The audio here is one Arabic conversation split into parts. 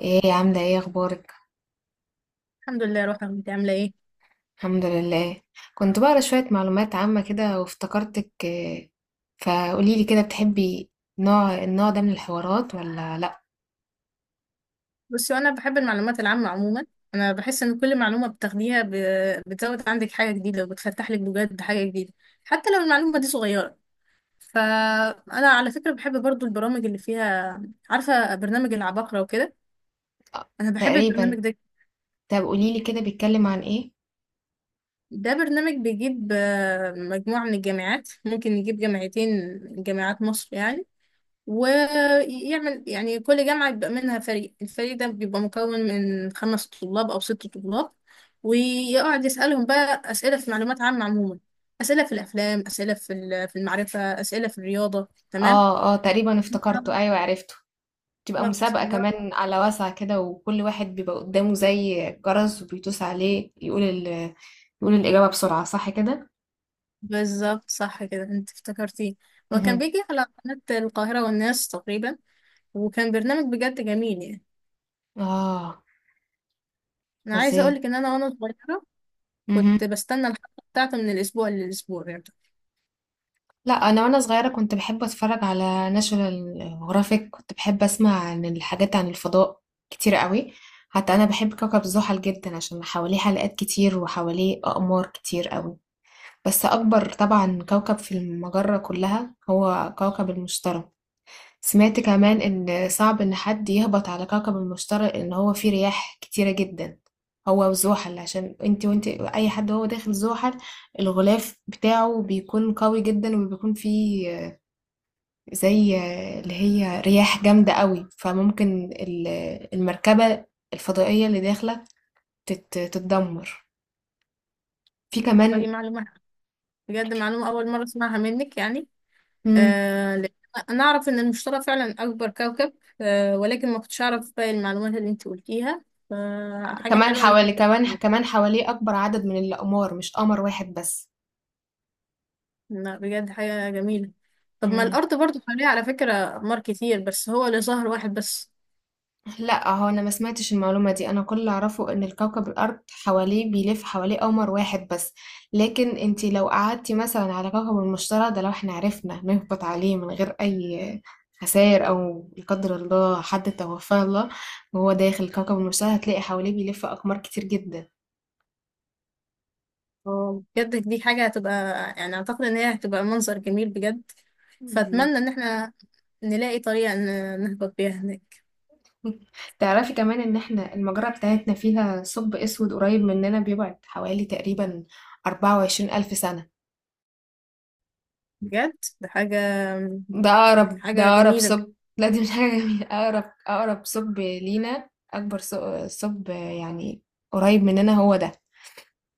ايه عاملة ايه اخبارك. الحمد لله يا روحي، انت عامله ايه؟ الحمد لله. كنت بقرا شوية معلومات عامة كده وافتكرتك فقوليلي كده بتحبي النوع ده من الحوارات ولا لا؟ بصي، وانا بحب المعلومات العامه عموما. انا بحس ان كل معلومه بتاخديها بتزود عندك حاجه جديده، وبتفتح لك بجد حاجه جديده، حتى لو المعلومه دي صغيره. فانا على فكره بحب برضو البرامج اللي فيها، عارفه برنامج العباقره وكده. آه، انا بحب تقريبا. البرنامج ده. طب قوليلي كده بيتكلم عن ايه؟ ده برنامج بيجيب مجموعه من الجامعات، ممكن يجيب جامعتين، جامعات مصر يعني. ويعمل يعني كل جامعة بيبقى منها فريق، الفريق ده بيبقى مكون من 5 طلاب أو 6 طلاب، ويقعد يسألهم بقى أسئلة في معلومات عامة عموما. أسئلة في الأفلام، أسئلة في المعرفة، أسئلة في الرياضة، تمام. اه اه، تقريبا افتكرته، ايوه عرفته. تبقى بالظبط. مسابقة كمان على واسع كده، وكل واحد بيبقى قدامه زي جرس وبيدوس عليه يقول الإجابة بسرعة، صح كده؟ بالظبط، صح كده، أنت افتكرتيه. هو كان مهم. بيجي على قناة القاهرة والناس تقريبا، وكان برنامج بجد جميل يعني. اه. أنا عايزة فظيع. أقولك إن أنا وأنا صغيرة كنت بستنى الحلقة بتاعته من الأسبوع للأسبوع يعني. لا، انا وانا صغيره كنت بحب اتفرج على ناشونال جرافيك، كنت بحب اسمع عن الحاجات عن الفضاء كتير قوي. حتى انا بحب كوكب زحل جدا عشان حواليه حلقات كتير وحواليه اقمار كتير قوي. بس اكبر طبعا كوكب في المجره كلها هو كوكب المشتري. سمعت كمان ان صعب ان حد يهبط على كوكب المشتري، ان هو فيه رياح كتيره جدا، هو وزحل. عشان انت وانت اي حد هو داخل زحل، الغلاف بتاعه بيكون قوي جدا وبيكون فيه زي اللي هي رياح جامدة قوي، فممكن المركبة الفضائية اللي داخلة تتدمر. في فهي كمان. معلومات، بجد معلومة أول مرة أسمعها منك يعني. مم. لأن أنا أعرف إن المشتري فعلا أكبر كوكب، ولكن ما كنتش أعرف باقي المعلومات اللي أنت قلتيها، فحاجة حلوة إنك أنت كمان قلتيها. كمان حواليه أكبر عدد من الأقمار، مش قمر واحد بس. لا، بجد حاجة جميلة. طب ما مم. الأرض برضو حواليها على فكرة أقمار كتير، بس هو اللي ظهر واحد بس. لا، هو انا ما سمعتش المعلومه دي. انا كل اللي اعرفه ان الكوكب الارض حواليه بيلف حواليه قمر واحد بس. لكن انتي لو قعدتي مثلا على كوكب المشتري ده، لو احنا عرفنا نهبط عليه من غير اي خسائر، او لا قدر الله حد توفاه الله وهو داخل كوكب المشتري، هتلاقي حواليه بيلف اقمار كتير جدا. بجد دي حاجة هتبقى، يعني أعتقد إن هي هتبقى منظر جميل بجد. مم. فأتمنى إن إحنا نلاقي طريقة نهبط بيها هناك. تعرفي كمان ان احنا المجرة بتاعتنا فيها ثقب اسود قريب مننا، بيبعد حوالي تقريبا 24000 سنة. بجد ده حاجة، ده أقرب، ده حاجة أقرب جميلة. ثقب. لا، دي مش حاجة جميلة أقرب، أقرب ثقب لينا، أكبر ثقب يعني قريب مننا هو ده.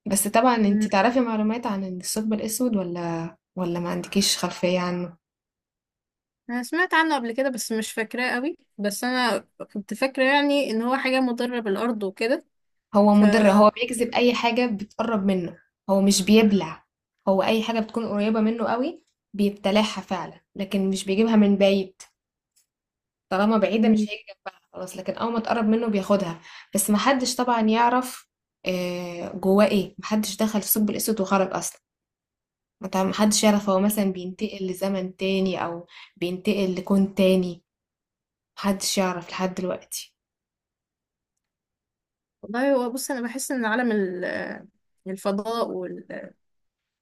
بس طبعا انتي تعرفي معلومات عن الثقب الأسود ولا ما عندكيش خلفية عنه؟ انا سمعت عنه قبل كده، بس مش فاكراه قوي، بس انا كنت فاكره يعني ان هو حاجه مضره بالارض وكده. هو ف مضر، هو بيجذب أي حاجة بتقرب منه. هو مش بيبلع، هو أي حاجة بتكون قريبة منه قوي بيبتلعها فعلا، لكن مش بيجيبها من بعيد. طالما بعيدة مش مم. هيجي جنبها خلاص، لكن أول ما تقرب منه بياخدها. بس محدش طبعا يعرف جواه ايه. محدش دخل في ثقب الأسود وخرج أصلا. محدش يعرف هو مثلا بينتقل لزمن تاني أو بينتقل لكون تاني. محدش يعرف لحد دلوقتي. والله، هو بص انا بحس ان عالم الفضاء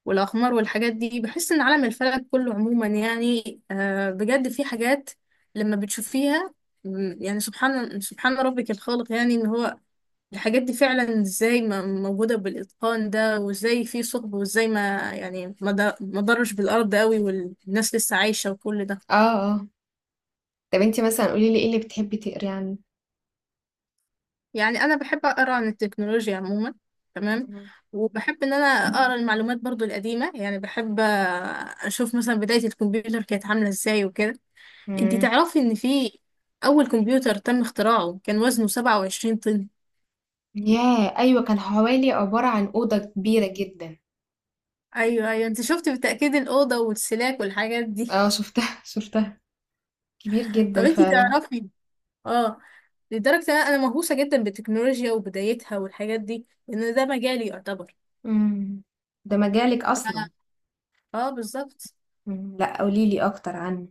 والاقمار والحاجات دي، بحس ان عالم الفلك كله عموما يعني بجد في حاجات لما بتشوفيها، يعني سبحان ربك الخالق، يعني ان هو الحاجات دي فعلا ازاي موجوده بالاتقان ده، وازاي في ثقب، وازاي ما يعني ما ضرش بالارض قوي والناس لسه عايشه وكل ده. اه اه. طب انتي مثلا قولي لي ايه اللي بتحبي تقري عنه؟ يعني انا بحب اقرا عن التكنولوجيا عموما، تمام. مهم. وبحب ان انا اقرا المعلومات برضو القديمه، يعني بحب اشوف مثلا بدايه الكمبيوتر كانت عامله ازاي وكده. انتي مم. تعرفي ان في اول كمبيوتر تم اختراعه كان وزنه 27 طن؟ ياه، أيوة، كان حوالي عبارة عن أوضة كبيرة جدا. ايوه، ايوه، انت شفتي بالتاكيد الاوضه والسلاك والحاجات دي. اه، شفتها شفتها. كبير طب جدا انتي فعلا. تعرفي، اه لدرجه ان انا مهووسه جدا بالتكنولوجيا وبدايتها والحاجات دي، لان ده مجالي يعتبر. مم. ده مجالك أصلا. ف- اه، بالظبط. إمم، لأ قولي لي أكتر عنه.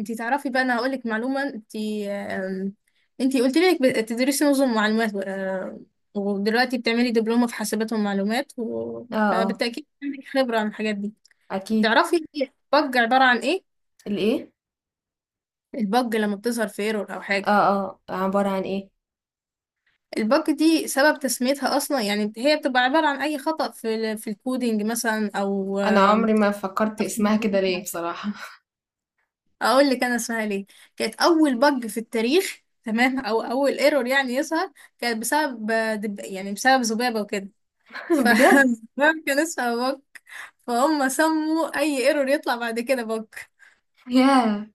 انتي تعرفي بقى، انا هقول لك معلومه، انتي انتي قلت لي انك بتدرسي نظم معلومات، ودلوقتي بتعملي دبلومه في حاسبات ومعلومات. آه، آه. فبالتاكيد عندك خبره عن الحاجات دي. أكيد. تعرفي البج عباره عن ايه؟ الإيه؟ البج لما بتظهر في ايرور او حاجه، آه، آه، عبارة عن إيه؟ البج دي سبب تسميتها اصلا، يعني هي بتبقى عباره عن اي خطأ في في الكودينج مثلا او أنا عمري ما فكّرت خطأ في اسمها كده ليه النظام. بصراحة. اقول لك انا اسمها ليه. كانت اول بج في التاريخ تمام، او اول ايرور يعني يظهر، كانت بسبب يعني بسبب ذبابه وكده. ف بجد! الذباب كان اسمها بج، فهم سموا اي ايرور يطلع بعد كده بج. ياه!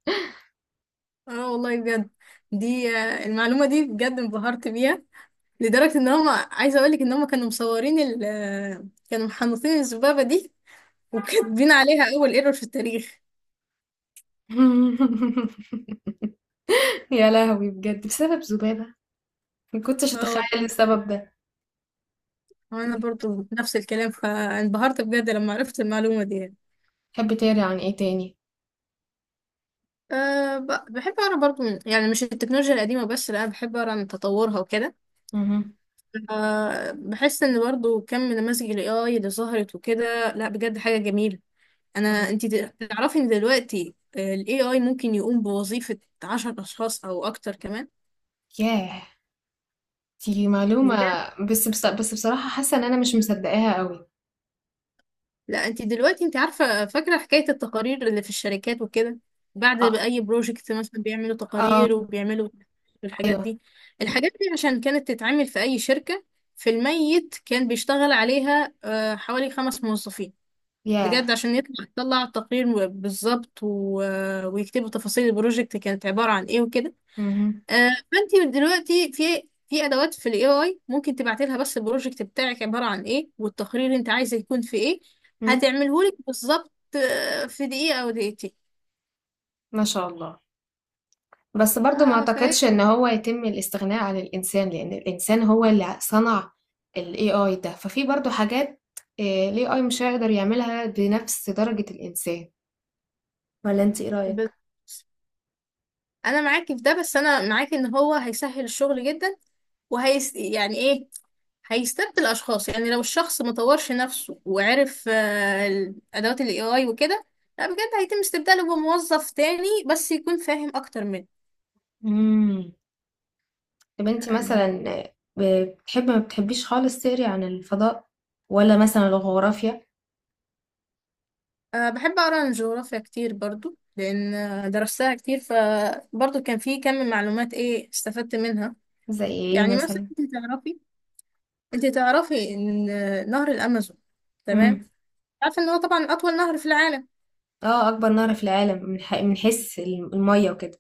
اه والله بجد، دي آه، المعلومه دي بجد انبهرت بيها، لدرجه ان هم عايزه اقول لك ان هم كانوا مصورين ال... آه، كانوا محنطين الذبابه دي وكاتبين عليها اول ايرور في التاريخ. يا لهوي، بجد بسبب ذبابة! ما كنتش اه والله. أتخيّل السبب ده. وانا برضو نفس الكلام، فانبهرت بجد لما عرفت المعلومه دي يعني. تحبّي تقري عن إيه تاني؟ أه، بحب أقرأ برضو يعني مش التكنولوجيا القديمة بس، لا بحب أقرأ عن تطورها وكده. اهم. أه، بحس إن برضو كم من نماذج ال AI اللي ظهرت وكده، لا بجد حاجة جميلة. إمم. أنتي تعرفي إن دلوقتي ال AI ممكن يقوم بوظيفة 10 أشخاص أو أكتر كمان. ياه! دي معلومة. بس بص، بس بصراحة حاسّة إن أنا مش مصدّقاها أوي. لا، انت دلوقتي، انت عارفة فاكرة حكاية التقارير اللي في الشركات وكده، بعد أ ما اي بروجكت مثلا بيعملوا آه، تقارير وبيعملوا الحاجات أيوه. دي. الحاجات دي عشان كانت تتعمل في اي شركة في الميت كان بيشتغل عليها حوالي 5 موظفين، ياه! بجد، عشان يطلع التقرير بالظبط ويكتبوا تفاصيل البروجكت كانت عبارة عن ايه وكده. اهم، فانت دلوقتي في ادوات في الاي اي، ممكن تبعتي لها بس البروجكت بتاعك عباره عن ايه والتقرير اللي انت عايزه يكون في ايه، إمم. هتعمله لك بالظبط في دقيقه او دقيقتين. ما شاء الله. بس برضو ما اه، فاهم. اعتقدش ان هو يتم الاستغناء عن الانسان، لان الانسان هو اللي صنع ال AI ده. ففي برضو حاجات ال AI مش هيقدر يعملها بنفس درجة الانسان، ولا انت ايه بس رأيك؟ انا معاكي في ده، بس انا معاكي ان هو هيسهل الشغل جدا، يعني ايه، هيستبدل الاشخاص. يعني لو الشخص ما طورش نفسه وعرف الادوات الاي اي وكده، لا بجد هيتم استبداله بموظف تاني بس يكون فاهم اكتر منه. امم. طب انت يعني مثلا بتحبي ما بتحبيش خالص تقري عن الفضاء، ولا مثلا الجغرافيا؟ أه، بحب أقرأ عن الجغرافيا كتير برضو، لأن درستها كتير، فبرضو كان في كم من معلومات إيه استفدت منها. زي ايه يعني مثلا مثلا؟ أنت تعرفي، أنت تعرفي إن نهر الأمازون، تمام، امم. عارفة إن هو طبعا أطول نهر في العالم. اه، اكبر نهر في العالم من من حيث المية وكده.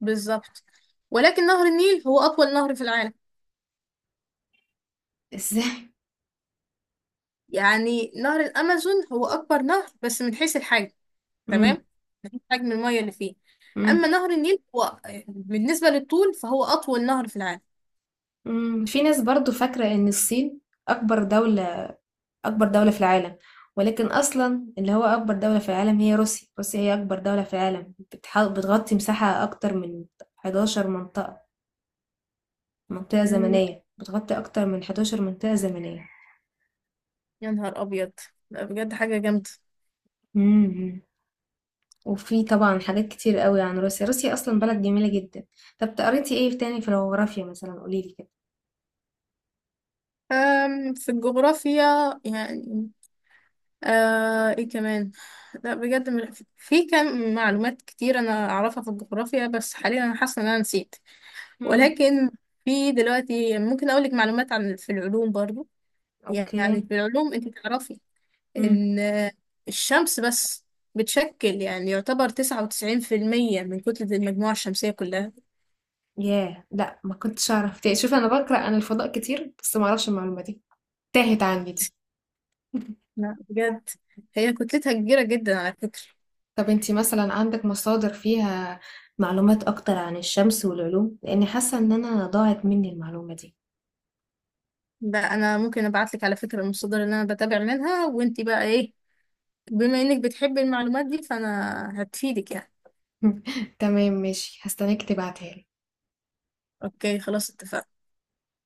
بالظبط، ولكن نهر النيل هو أطول نهر في العالم. ازاي؟ يعني نهر الأمازون هو أكبر نهر، بس من حيث الحجم، امم. تمام، من حيث حجم المية اللي فيه. أما امم. نهر النيل هو بالنسبة للطول فهو أطول نهر في العالم. امم، في ناس برضو فاكرة ان الصين أكبر دولة، أكبر دولة في العالم، ولكن أصلا اللي هو أكبر دولة في العالم هي روسيا. روسيا هي أكبر دولة في العالم، بتغطي مساحة أكتر من 11 منطقة مم، زمنية، بتغطي أكتر من 11 منطقة زمنية. يا نهار أبيض، لا بجد حاجة جامدة. مم. وفي طبعا حاجات كتير قوي عن روسيا. روسيا أصلا بلد جميلة جدا. طب قريتي ايه تاني في الجغرافيا مثلا؟ قوليلي كده. في الجغرافيا، يعني ايه كمان، لا بجد في كم معلومات كتير انا اعرفها في الجغرافيا، بس حاليا انا حاسه ان انا نسيت. مم. ولكن في دلوقتي ممكن اقول لك معلومات عن في العلوم برضو. اوكي. يعني في العلوم انت تعرفي مم. ان الشمس بس بتشكل يعني يعتبر 99% من كتلة المجموعة الشمسية كلها. ياه، لا ما كنتش اعرف تاني. شوفي انا بقرا عن الفضاء كتير بس ما اعرفش المعلومه دي، تاهت عندي دي. لا بجد، هي كتلتها كبيرة جدا على فكرة. طب انتي مثلا عندك مصادر فيها معلومات اكتر عن الشمس والعلوم؟ لاني حاسه ان انا ضاعت مني المعلومه دي. ده انا ممكن ابعت لك على فكره المصادر اللي انا بتابع منها، وانتي بقى ايه بما انك بتحبي المعلومات دي فانا هتفيدك يعني. تمام، ماشي، هستناك تبعتها لي. اوكي خلاص، اتفقنا.